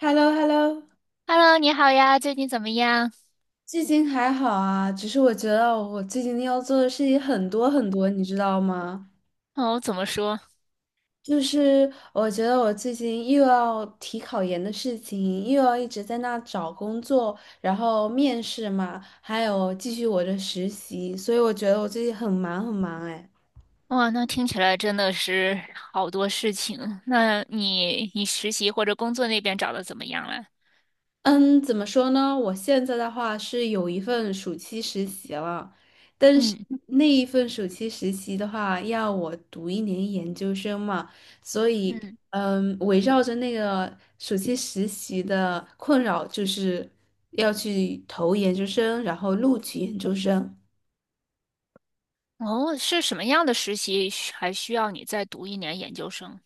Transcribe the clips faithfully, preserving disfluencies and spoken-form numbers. h e l l o h e l l o。 Hello，你好呀，最近怎么样？最近还好啊，只是我觉得我最近要做的事情很多很多，你知道吗？哦，怎么说？就是我觉得我最近又要提考研的事情，又要一直在那找工作，然后面试嘛，还有继续我的实习，所以我觉得我最近很忙很忙哎。哇，那听起来真的是好多事情。那你你实习或者工作那边找的怎么样了？嗯，怎么说呢？我现在的话是有一份暑期实习了，但是嗯那一份暑期实习的话，要我读一年研究生嘛，所以，嗯，嗯，围绕着那个暑期实习的困扰，就是要去投研究生，然后录取研究生。哦，是什么样的实习需还需要你再读一年研究生？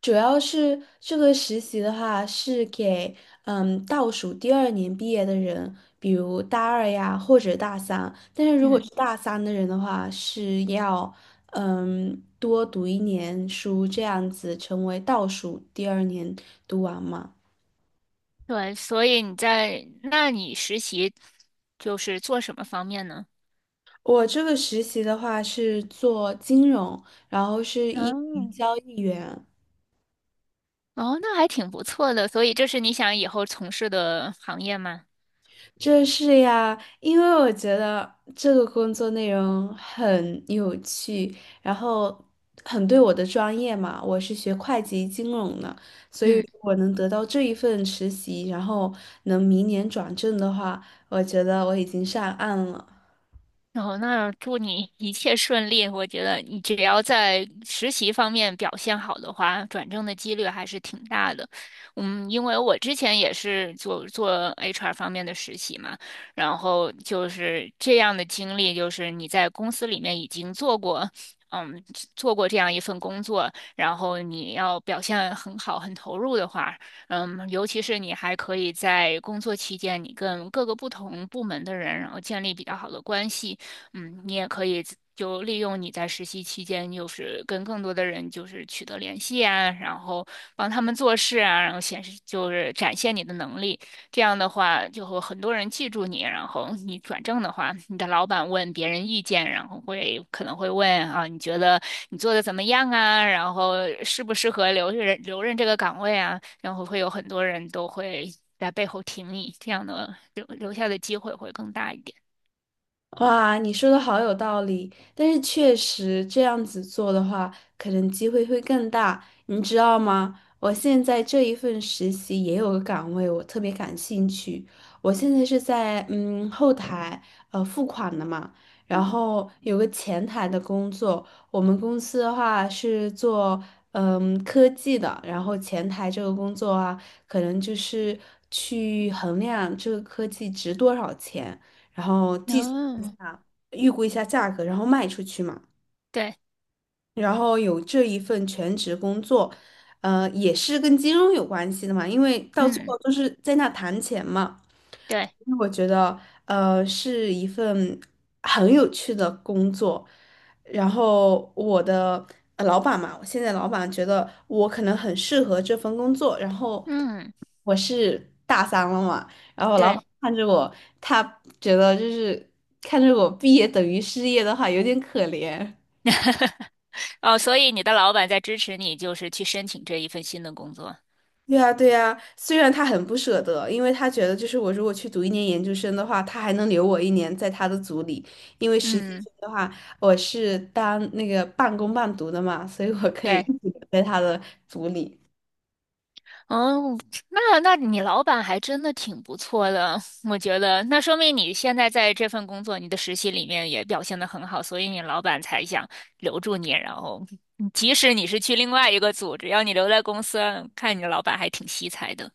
主要是这个实习的话，是给嗯倒数第二年毕业的人，比如大二呀或者大三。但是如果是嗯，大三的人的话，是要嗯多读一年书，这样子成为倒数第二年读完嘛。对，所以你在，那你实习就是做什么方面呢？我这个实习的话是做金融，然后是一名哦交易员。哦，那还挺不错的。所以这是你想以后从事的行业吗？就是呀，因为我觉得这个工作内容很有趣，然后很对我的专业嘛，我是学会计金融的，所以嗯。如果能得到这一份实习，然后能明年转正的话，我觉得我已经上岸了。哦，那祝你一切顺利。我觉得你只要在实习方面表现好的话，转正的几率还是挺大的。嗯，因为我之前也是做做 H R 方面的实习嘛，然后就是这样的经历，就是你在公司里面已经做过，嗯，做过这样一份工作，然后你要表现很好、很投入的话，嗯，尤其是你还可以在工作期间，你跟各个不同部门的人，然后建立比较好的关系。嗯，你也可以就利用你在实习期间，就是跟更多的人就是取得联系啊，然后帮他们做事啊，然后显示就是展现你的能力。这样的话，就会很多人记住你。然后你转正的话，你的老板问别人意见，然后会可能会问啊，你觉得你做的怎么样啊？然后适不适合留任留任这个岗位啊？然后会有很多人都会在背后挺你，这样的留留下的机会会更大一点。哇，你说的好有道理，但是确实这样子做的话，可能机会会更大，你知道吗？我现在这一份实习也有个岗位，我特别感兴趣。我现在是在嗯后台呃付款的嘛，然后有个前台的工作。我们公司的话是做嗯科技的，然后前台这个工作啊，可能就是去衡量这个科技值多少钱。然后计嗯，预估一下价格，然后卖出去嘛。对。然后有这一份全职工作，呃，也是跟金融有关系的嘛，因为到最嗯，后都是在那谈钱嘛。对，那我觉得，呃，是一份很有趣的工作。然后我的呃老板嘛，我现在老板觉得我可能很适合这份工作。然后嗯，我是大三了嘛，然后老板对，看着我，他觉得就是看着我毕业等于失业的话，有点可怜。哦，所以你的老板在支持你，就是去申请这一份新的工作。对呀，对呀，虽然他很不舍得，因为他觉得就是我如果去读一年研究生的话，他还能留我一年在他的组里，因为实习嗯，生的话，我是当那个半工半读的嘛，所以我可以一对，直留在他的组里。哦，那那你老板还真的挺不错的，我觉得，那说明你现在在这份工作，你的实习里面也表现的很好，所以你老板才想留住你，然后嗯即使你是去另外一个组，只要你留在公司，看你老板还挺惜才的。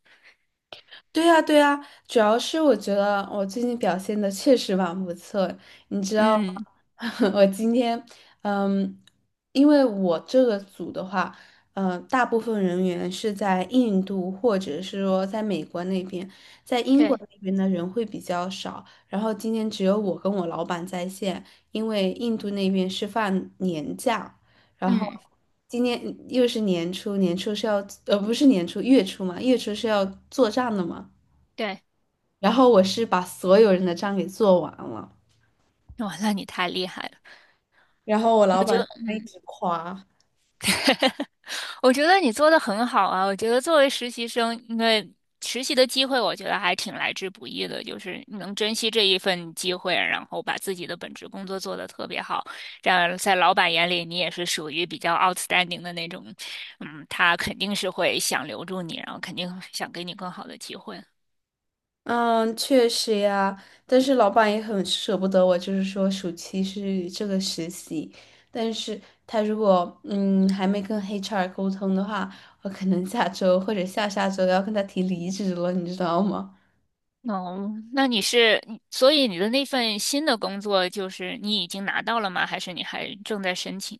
对呀，对呀，主要是我觉得我最近表现的确实蛮不错，你知道嗯，吗？ 我今天，嗯，因为我这个组的话，呃，大部分人员是在印度或者是说在美国那边，在英国对，那边的人会比较少。然后今天只有我跟我老板在线，因为印度那边是放年假，然后嗯，今天又是年初，年初是要，呃，不是年初，月初嘛，月初是要做账的嘛。对，然后我是把所有人的账给做完了。哇，那你太厉害了，然后我老我觉得，板他一嗯。直夸，我觉得你做的很好啊！我觉得作为实习生，因为实习的机会，我觉得还挺来之不易的，就是你能珍惜这一份机会，然后把自己的本职工作做得特别好，这样在老板眼里你也是属于比较 outstanding 的那种，嗯，他肯定是会想留住你，然后肯定想给你更好的机会。嗯，确实呀，但是老板也很舍不得我，就是说暑期是这个实习，但是他如果嗯还没跟 H R 沟通的话，我可能下周或者下下周要跟他提离职了，你知道吗？哦，那你是，你所以你的那份新的工作就是你已经拿到了吗？还是你还正在申请？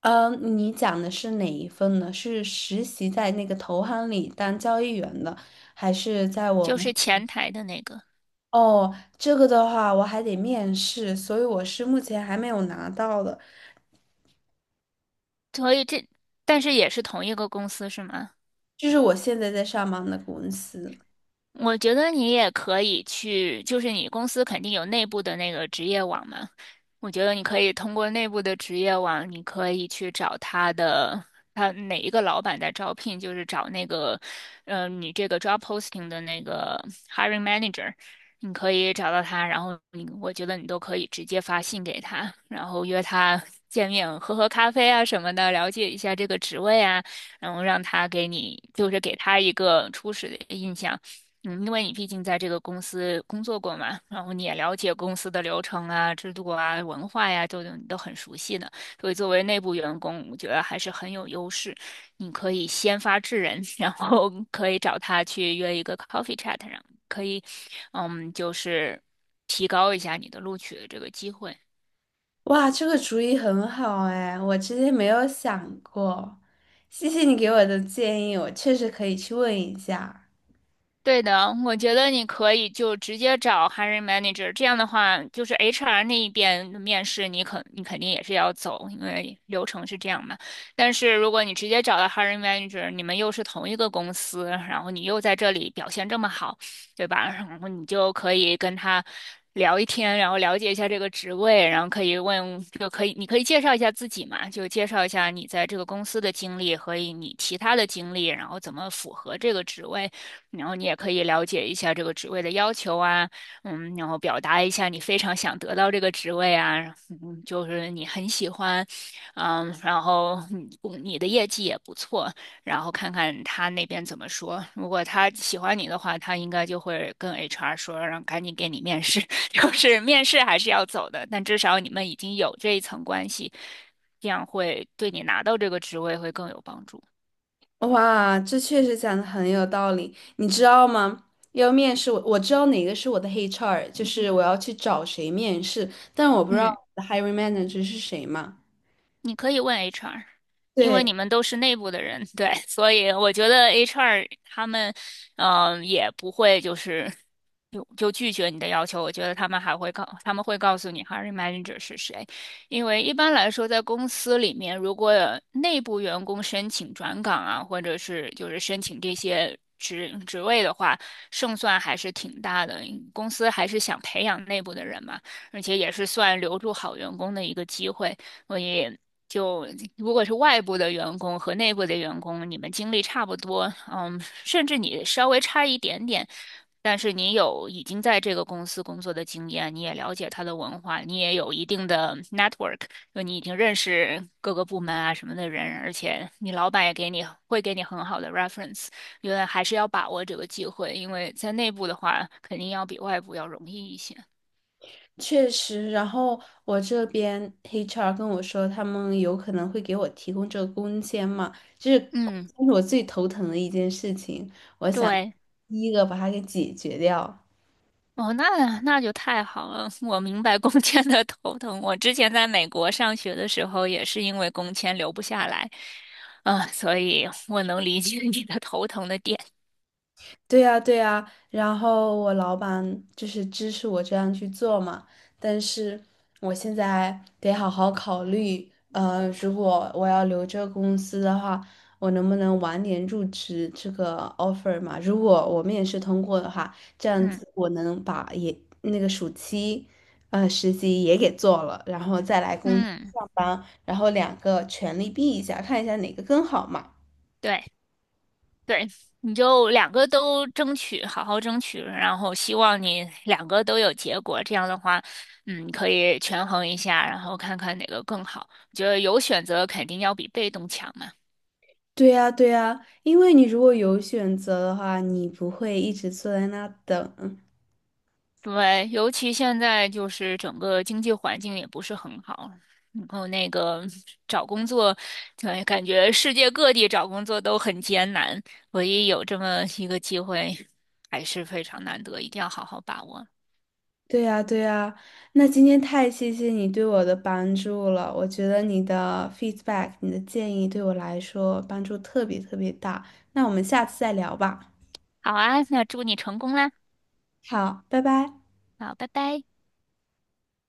嗯，你讲的是哪一份呢？是实习在那个投行里当交易员的，还是在我？就是前台的那个。哦，这个的话我还得面试，所以我是目前还没有拿到的，所以这，但是也是同一个公司是吗？就是我现在在上班的公司。我觉得你也可以去，就是你公司肯定有内部的那个职业网嘛，我觉得你可以通过内部的职业网，你可以去找他的他哪一个老板在招聘，就是找那个，呃，你这个 job posting 的那个 hiring manager，你可以找到他，然后你我觉得你都可以直接发信给他，然后约他见面，喝喝咖啡啊什么的，了解一下这个职位啊，然后让他给你，就是给他一个初始的印象。嗯，因为你毕竟在这个公司工作过嘛，然后你也了解公司的流程啊、制度啊、文化呀、都你都很熟悉的，所以作为内部员工，我觉得还是很有优势。你可以先发制人，然后可以找他去约一个 coffee chat，然后可以，嗯，就是提高一下你的录取的这个机会。哇，这个主意很好哎，我之前没有想过，谢谢你给我的建议，我确实可以去问一下。对的，我觉得你可以就直接找 hiring manager，这样的话，就是 H R 那一边的面试，你肯你肯定也是要走，因为流程是这样嘛。但是如果你直接找到 hiring manager，你们又是同一个公司，然后你又在这里表现这么好，对吧？然后你就可以跟他聊一天，然后了解一下这个职位，然后可以问，就可以你可以介绍一下自己嘛，就介绍一下你在这个公司的经历和你其他的经历，然后怎么符合这个职位。然后你也可以了解一下这个职位的要求啊，嗯，然后表达一下你非常想得到这个职位啊，嗯，就是你很喜欢，嗯，然后你嗯你的业绩也不错，然后看看他那边怎么说。如果他喜欢你的话，他应该就会跟 H R 说，让赶紧给你面试，就是面试还是要走的，但至少你们已经有这一层关系，这样会对你拿到这个职位会更有帮助。哇，这确实讲的很有道理，你知道吗？要面试我，我知道哪个是我的 H R，就是我要去找谁面试，但我不知道嗯。我的 hiring manager 是谁嘛。你可以问 H R，因为对。你们都是内部的人，对，所以我觉得 H R 他们，嗯、也不会就是就就拒绝你的要求。我觉得他们还会告，他们会告诉你 h i r i n manager 是谁，因为一般来说，在公司里面，如果有内部员工申请转岗啊，或者是就是申请这些。职职位的话，胜算还是挺大的。公司还是想培养内部的人嘛，而且也是算留住好员工的一个机会。所以就如果是外部的员工和内部的员工，你们经历差不多，嗯，甚至你稍微差一点点，但是你有已经在这个公司工作的经验，你也了解他的文化，你也有一定的 network，就你已经认识各个部门啊什么的人，而且你老板也给你会给你很好的 reference，因为还是要把握这个机会，因为在内部的话，肯定要比外部要容易一些。确实，然后我这边 H R 跟我说，他们有可能会给我提供这个工签嘛，就是嗯，这是我最头疼的一件事情，对。第一个把它给解决掉。哦，那那就太好了，我明白工签的头疼。我之前在美国上学的时候，也是因为工签留不下来，啊、所以我能理解你的头疼的点。对呀，对呀，然后我老板就是支持我这样去做嘛，但是我现在得好好考虑，呃，如果我要留这个公司的话，我能不能晚点入职这个 offer 嘛？如果我面试通过的话，这样嗯子我能把也那个暑期，呃，实习也给做了，然后再来公司嗯，上班，然后两个全力比一下，看一下哪个更好嘛。对对，你就两个都争取，好好争取，然后希望你两个都有结果。这样的话，嗯，可以权衡一下，然后看看哪个更好。我觉得有选择肯定要比被动强嘛。对呀，对呀，因为你如果有选择的话，你不会一直坐在那等。对，尤其现在就是整个经济环境也不是很好，然后那个找工作，对，感觉世界各地找工作都很艰难，唯一有这么一个机会，还是非常难得，一定要好好把握。对呀，对呀，那今天太谢谢你对我的帮助了，我觉得你的 feedback，你的建议对我来说帮助特别特别大。那我们下次再聊吧。好啊，那祝你成功啦！好，拜拜。好，拜拜。